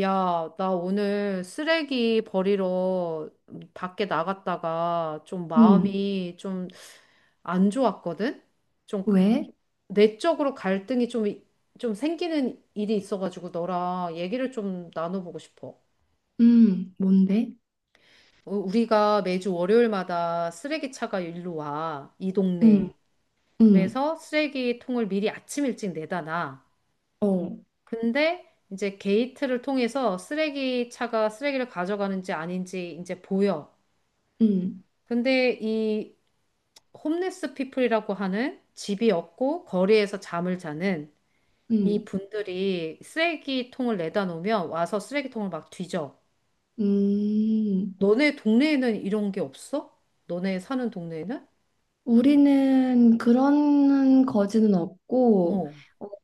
야, 나 오늘 쓰레기 버리러 밖에 나갔다가 좀 응, 마음이 좀 안 좋았거든? 좀 그- 왜? 내적으로 갈등이 좀, 좀 생기는 일이 있어가지고 너랑 얘기를 좀 나눠보고 싶어. 응, 뭔데? 우리가 매주 월요일마다 쓰레기차가 일로 와, 이 응, 동네. 응, 그래서 쓰레기통을 미리 아침 일찍 내다 놔. 어, 근데 이제 게이트를 통해서 쓰레기차가 쓰레기를 가져가는지 아닌지 이제 보여. 응, 근데 이 홈리스 피플이라고 하는 집이 없고 거리에서 잠을 자는 이 응, 분들이 쓰레기통을 내다 놓으면 와서 쓰레기통을 막 뒤져. 음. 너네 동네에는 이런 게 없어? 너네 사는 동네에는? 우리는 그런 거지는 없고, 어,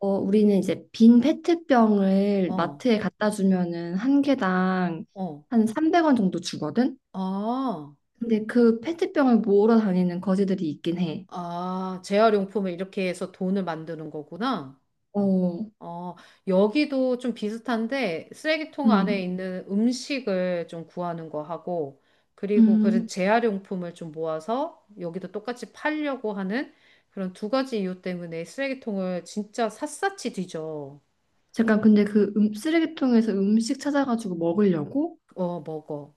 어, 우리는 이제 빈 페트병을 어, 마트에 갖다 주면은 한 개당 어. 한 300원 정도 주거든? 아, 근데 그 페트병을 모으러 다니는 거지들이 있긴 해. 아, 재활용품을 이렇게 해서 돈을 만드는 거구나. 어, 어, 여기도 좀 비슷한데 쓰레기통 안에 음, 있는 음식을 좀 구하는 거 하고 그리고 그런 음. 재활용품을 좀 모아서 여기도 똑같이 팔려고 하는 그런 두 가지 이유 때문에 쓰레기통을 진짜 샅샅이 뒤져. 잠깐, 근데 그 쓰레기통에서 음식 찾아가지고 먹으려고? 어, 먹어.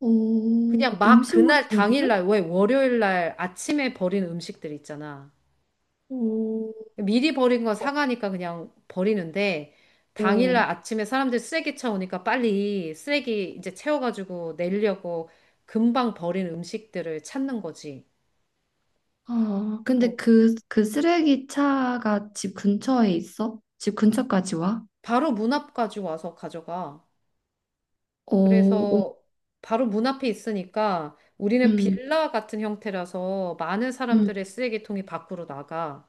오, 그냥 막 음식물 그날 쓰레기를? 당일날 왜 월요일날 아침에 버린 음식들 있잖아. 오, 미리 버린 건 사가니까 그냥 버리는데 당일날 오. 아침에 사람들 쓰레기 차 오니까 빨리 쓰레기 이제 채워가지고 내려고 금방 버린 음식들을 찾는 거지. 아, 어, 근데 그 쓰레기 차가 집 근처에 있어? 집 근처까지 와? 바로 문 앞 가지고 와서 가져가. 오, 오, 그래서 바로 문 앞에 있으니까 우리는 음, 빌라 같은 형태라서 많은 음, 사람들의 쓰레기통이 밖으로 나가.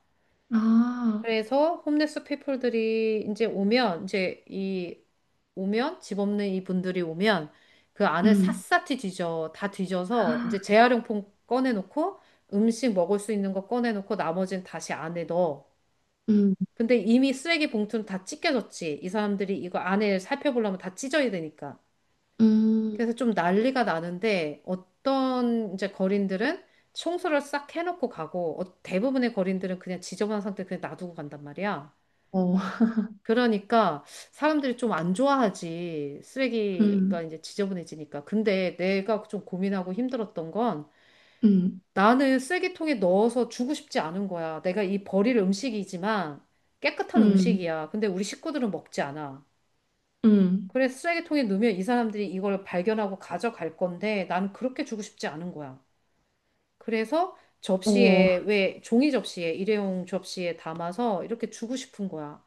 아, 그래서 홈리스 피플들이 이제 오면 이제 이 오면 집 없는 이분들이 오면 그 안을 음, 샅샅이 뒤져 다 뒤져서 아, 이제 재활용품 꺼내놓고 음식 먹을 수 있는 거 꺼내놓고 나머지는 다시 안에 넣어. 음, 근데 이미 쓰레기 봉투는 다 찢겨졌지. 이 사람들이 이거 안에 살펴보려면 다 찢어야 되니까. 음, 그래서 좀 난리가 나는데 어떤 이제 거린들은 청소를 싹 해놓고 가고 대부분의 거린들은 그냥 지저분한 상태 그냥 놔두고 간단 말이야. 어, 그러니까 사람들이 좀 안 좋아하지. 쓰레기가 음, 이제 지저분해지니까. 근데 내가 좀 고민하고 힘들었던 건 음, 나는 쓰레기통에 넣어서 주고 싶지 않은 거야. 내가 이 버릴 음식이지만 깨끗한 음, 음식이야. 근데 우리 식구들은 먹지 않아. 음, 그래서 쓰레기통에 넣으면 이 사람들이 이걸 발견하고 가져갈 건데 나는 그렇게 주고 싶지 않은 거야. 그래서 어, 접시에, 왜 종이 접시에, 일회용 접시에 담아서 이렇게 주고 싶은 거야.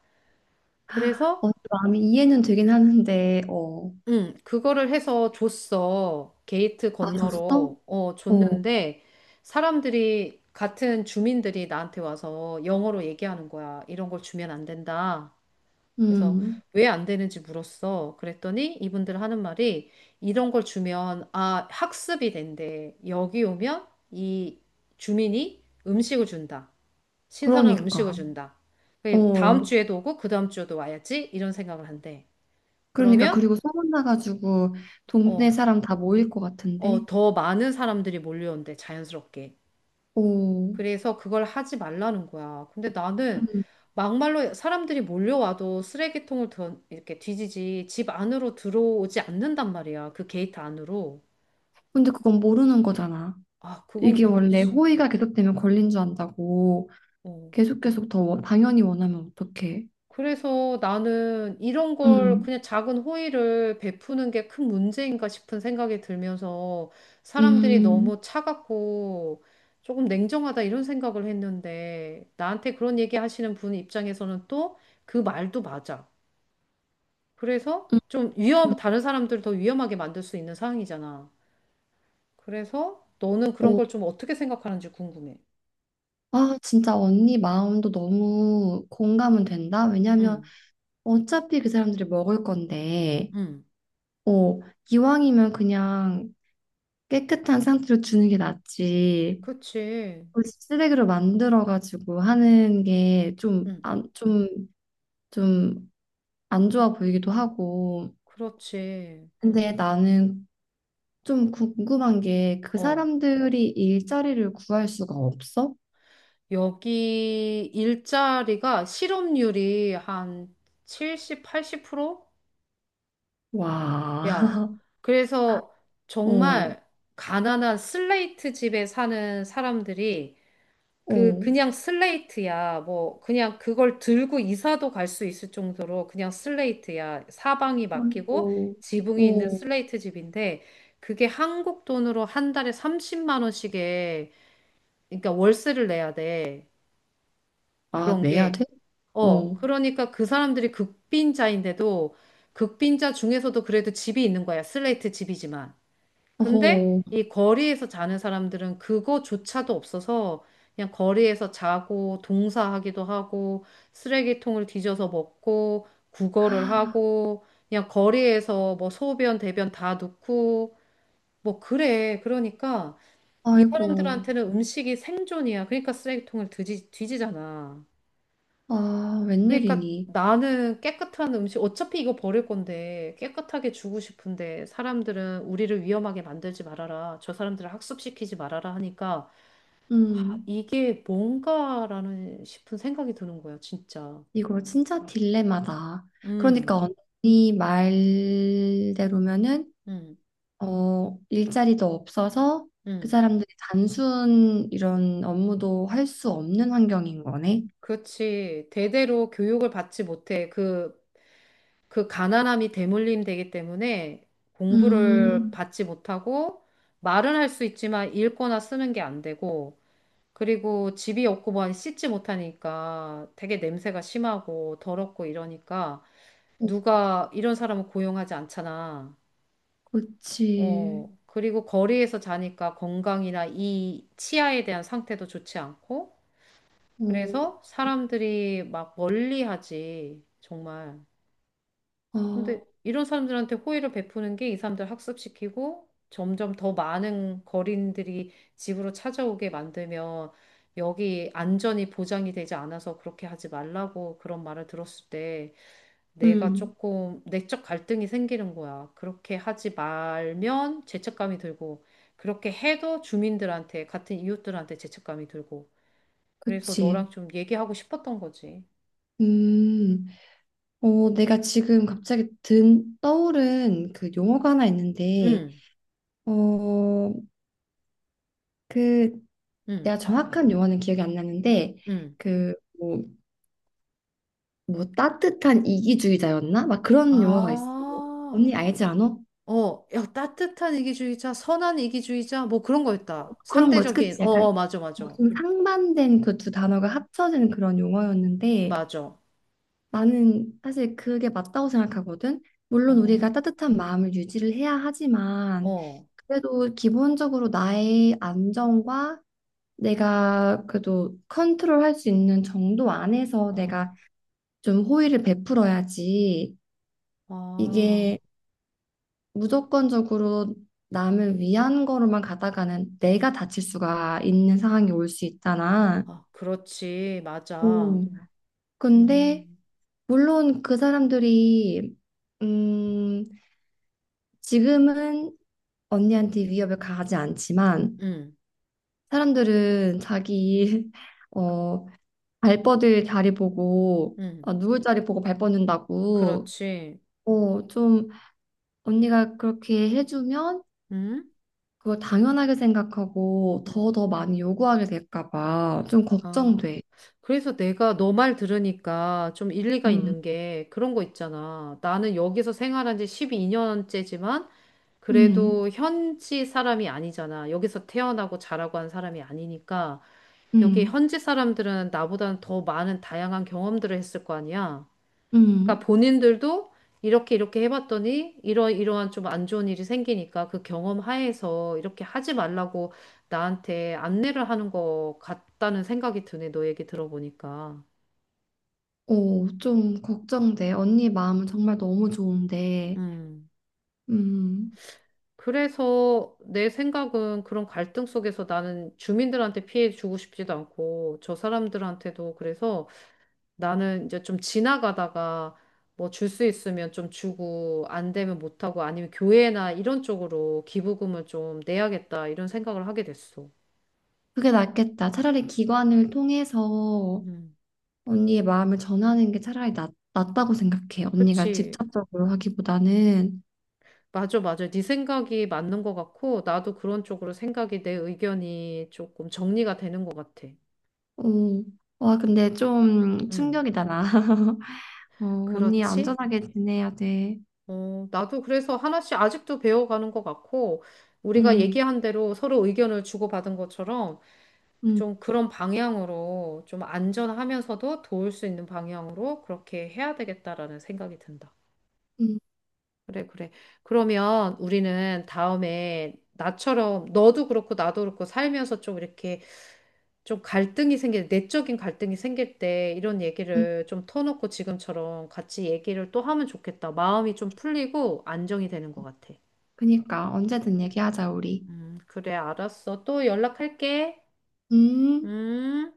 그래서 어, 마음이 이해는 되긴 하는데, 어, 응, 그거를 해서 줬어. 게이트 아, 줬어? 건너로. 어, 어, 줬는데, 사람들이, 같은 주민들이 나한테 와서 영어로 얘기하는 거야. 이런 걸 주면 안 된다. 그래서 음, 왜 안 되는지 물었어. 그랬더니 이분들 하는 말이 이런 걸 주면, 아, 학습이 된대. 여기 오면 이 주민이 음식을 준다. 신선한 그러니까, 음식을 준다. 그 다음 어. 주에도 오고, 그 다음 주에도 와야지. 이런 생각을 한대. 그러니까 그러면, 그리고 소문 나가지고 동네 어, 사람 다 모일 것 같은데. 어, 더 많은 사람들이 몰려온대, 자연스럽게. 오, 그래서 그걸 하지 말라는 거야. 근데 나는 음. 막말로 사람들이 몰려와도 쓰레기통을 던, 이렇게 뒤지지 집 안으로 들어오지 않는단 말이야. 그 게이트 안으로. 근데 그건 모르는 거잖아. 아, 그건 이게 원래 그렇지. 호의가 계속되면 걸린 줄 안다고 어. 계속 계속 당연히 원하면 어떡해? 그래서 나는 이런 걸 음, 그냥 작은 호의를 베푸는 게 큰 문제인가 싶은 생각이 들면서 사람들이 음, 너무 차갑고 조금 냉정하다 이런 생각을 했는데 나한테 그런 얘기 하시는 분 입장에서는 또 그 말도 맞아. 그래서 음. 좀 음. 위험, 다른 사람들 더 위험하게 만들 수 있는 상황이잖아. 그래서 너는 어, 그런 걸 좀 어떻게 생각하는지 궁금해. 아, 진짜 언니 마음도 너무 공감은 된다. 왜냐면 응, 어차피 그 사람들이 먹을 건데, 응. 어, 이왕이면 그냥 깨끗한 상태로 주는 게 낫지. 그치. 그 쓰레기로 만들어가지고 하는 게 응, 좀, 좀 안 좋아 보이기도 하고. 그렇지. 근데 나는 좀 궁금한 게 그 어. 사람들이 일자리를 구할 수가 없어? 여기 일자리가 실업률이 한 70, 80%야. 와, 그래서 어, 정말 가난한 슬레이트 집에 사는 사람들이 어, 그냥 슬레이트야. 뭐 그냥 그걸 들고 이사도 갈 수 있을 정도로 그냥 슬레이트야. 사방이 막히고 아이고, 지붕이 있는 어, 슬레이트 집인데 그게 한국 돈으로 한 달에 30만 원씩에 그러니까 월세를 내야 돼. 아, 그런 내야 게 돼? 어, 어, 그러니까 그 사람들이 극빈자인데도 극빈자 중에서도 그래도 집이 있는 거야. 슬레이트 집이지만. 근데 어, 이 거리에서 자는 사람들은 그거조차도 없어서 그냥 거리에서 자고 동사하기도 하고 쓰레기통을 뒤져서 먹고 구걸을 하고 그냥 거리에서 뭐 소변, 대변 다 놓고 뭐 그래. 그러니까 이 아이고, 사람들한테는 음식이 생존이야. 그러니까 뒤지잖아. 아, 그러니까 웬일이니? 나는 깨끗한 음식, 어차피 이거 버릴 건데 깨끗하게 주고 싶은데 사람들은 우리를 위험하게 만들지 말아라. 저 사람들을 학습시키지 말아라 하니까 아, 음, 이게 뭔가라는 싶은 생각이 드는 거야, 진짜. 이거 진짜 딜레마다. 그러니까 음, 언니 말대로면은 음, 어, 일자리도 없어서 그 음. 사람들이 단순 이런 업무도 할 수 없는 환경인 거네. 그렇지. 대대로 교육을 받지 못해. 그 가난함이 대물림 되기 때문에 공부를 음, 받지 못하고 말은 할 수 있지만 읽거나 쓰는 게 안 되고 그리고 집이 없고 뭐 씻지 못하니까 되게 냄새가 심하고 더럽고 이러니까 어, 누가 이런 사람을 고용하지 않잖아. 그치. 어, 그리고 거리에서 자니까 건강이나 이 치아에 대한 상태도 좋지 않고 어, 그래서 사람들이 막 멀리 하지. 정말. 근데 어, 이런 사람들한테 호의를 베푸는 게 이 사람들 학습시키고 점점 더 많은 거린들이 집으로 찾아오게 만들면 여기 안전이 보장이 되지 않아서 그렇게 하지 말라고 그런 말을 들었을 때 내가 음, 조금 내적 갈등이 생기는 거야. 그렇게 하지 말면 죄책감이 들고 그렇게 해도 주민들한테 같은 이웃들한테 죄책감이 들고 그래서 그치. 너랑 좀 얘기하고 싶었던 거지. 음, 어, 내가 지금 갑자기 떠오른 그 용어가 하나 있는데, 응, 어, 그, 응, 내가 정확한 용어는 기억이 안 나는데, 응. 그, 뭐, 따뜻한 이기주의자였나? 막 그런 용어가 있어. 아. 언니 알지 않아? 어, 야, 따뜻한 이기주의자, 선한 이기주의자, 뭐 그런 거였다. 그런 거지. 상대적인, 그치. 어, 약간 어, 맞아, 맞아. 좀 상반된 그 두 단어가 합쳐진 그런 용어였는데 맞아. 나는 사실 그게 맞다고 생각하거든. 물론 어, 우리가 따뜻한 마음을 유지를 해야 하지만 어. 그래도 기본적으로 나의 안정과 내가 그래도 컨트롤할 수 있는 정도 안에서 아, 내가 좀 호의를 베풀어야지 이게 아, 무조건적으로 남을 위한 거로만 가다가는 내가 다칠 수가 있는 상황이 올 수 있잖아. 아, 그렇지. 맞아. 오. 근데 음, 물론 그 사람들이 음 지금은 언니한테 위협을 가하지 않지만 음, 사람들은 자기 어 발뻗을 자리 보고 음. 아, 누울 자리 보고 발 뻗는다고 그렇지. 어 좀 언니가 그렇게 해주면 음, 그걸 당연하게 생각하고 더 음. 더 많이 요구하게 될까 봐 좀 아. 걱정돼. 그래서 내가 너 말 들으니까 좀 일리가 음. 있는 게 그런 거 있잖아. 나는 여기서 생활한 지 12년째지만 음. 그래도 현지 사람이 아니잖아. 여기서 태어나고 자라고 한 사람이 아니니까 여기 음. 현지 사람들은 나보다는 더 많은 다양한 경험들을 했을 거 아니야. 그러니까 음. 본인들도 이렇게 해봤더니 이러한 좀 안 좋은 일이 생기니까 그 경험 하에서 이렇게 하지 말라고 나한테 안내를 하는 것 같다는 생각이 드네. 너 얘기 들어보니까. 오, 좀 걱정돼. 언니 마음은 정말 너무 좋은데, 음. 음, 그래서 내 생각은 그런 갈등 속에서 나는 주민들한테 피해 주고 싶지도 않고 저 사람들한테도 그래서 나는 이제 좀 지나가다가 뭐 줄 수 있으면 좀 주고 안 되면 못 하고 아니면 교회나 이런 쪽으로 기부금을 좀 내야겠다 이런 생각을 하게 됐어. 그게 낫겠다. 차라리 기관을 통해서 음. 언니의 마음을 전하는 게 차라리 낫다고 생각해. 언니가 그치. 직접적으로 하기보다는. 맞아, 맞아. 네 생각이 맞는 것 같고, 나도 그런 쪽으로 생각이 내 의견이 조금 정리가 되는 것 같아. 오, 와, 근데 좀 음, 충격이다, 나. 어, 언니 그렇지? 안전하게 지내야 돼. 어, 나도 그래서 하나씩 아직도 배워가는 것 같고, 우리가 음, 얘기한 대로 서로 의견을 주고받은 것처럼 음, 좀 그런 방향으로 좀 안전하면서도 도울 수 있는 방향으로 그렇게 해야 되겠다라는 생각이 든다. 음, 그래, 그래. 그러면 우리는 다음에 나처럼 너도 그렇고 나도 그렇고 살면서 좀 이렇게 좀 갈등이 생길, 내적인 갈등이 생길 때 이런 음. 얘기를 좀 터놓고 지금처럼 같이 얘기를 또 하면 좋겠다. 마음이 좀 풀리고 안정이 되는 것 같아. 그니까, 언제든 얘기하자, 우리. 그래, 알았어. 또 연락할게. 음. 음.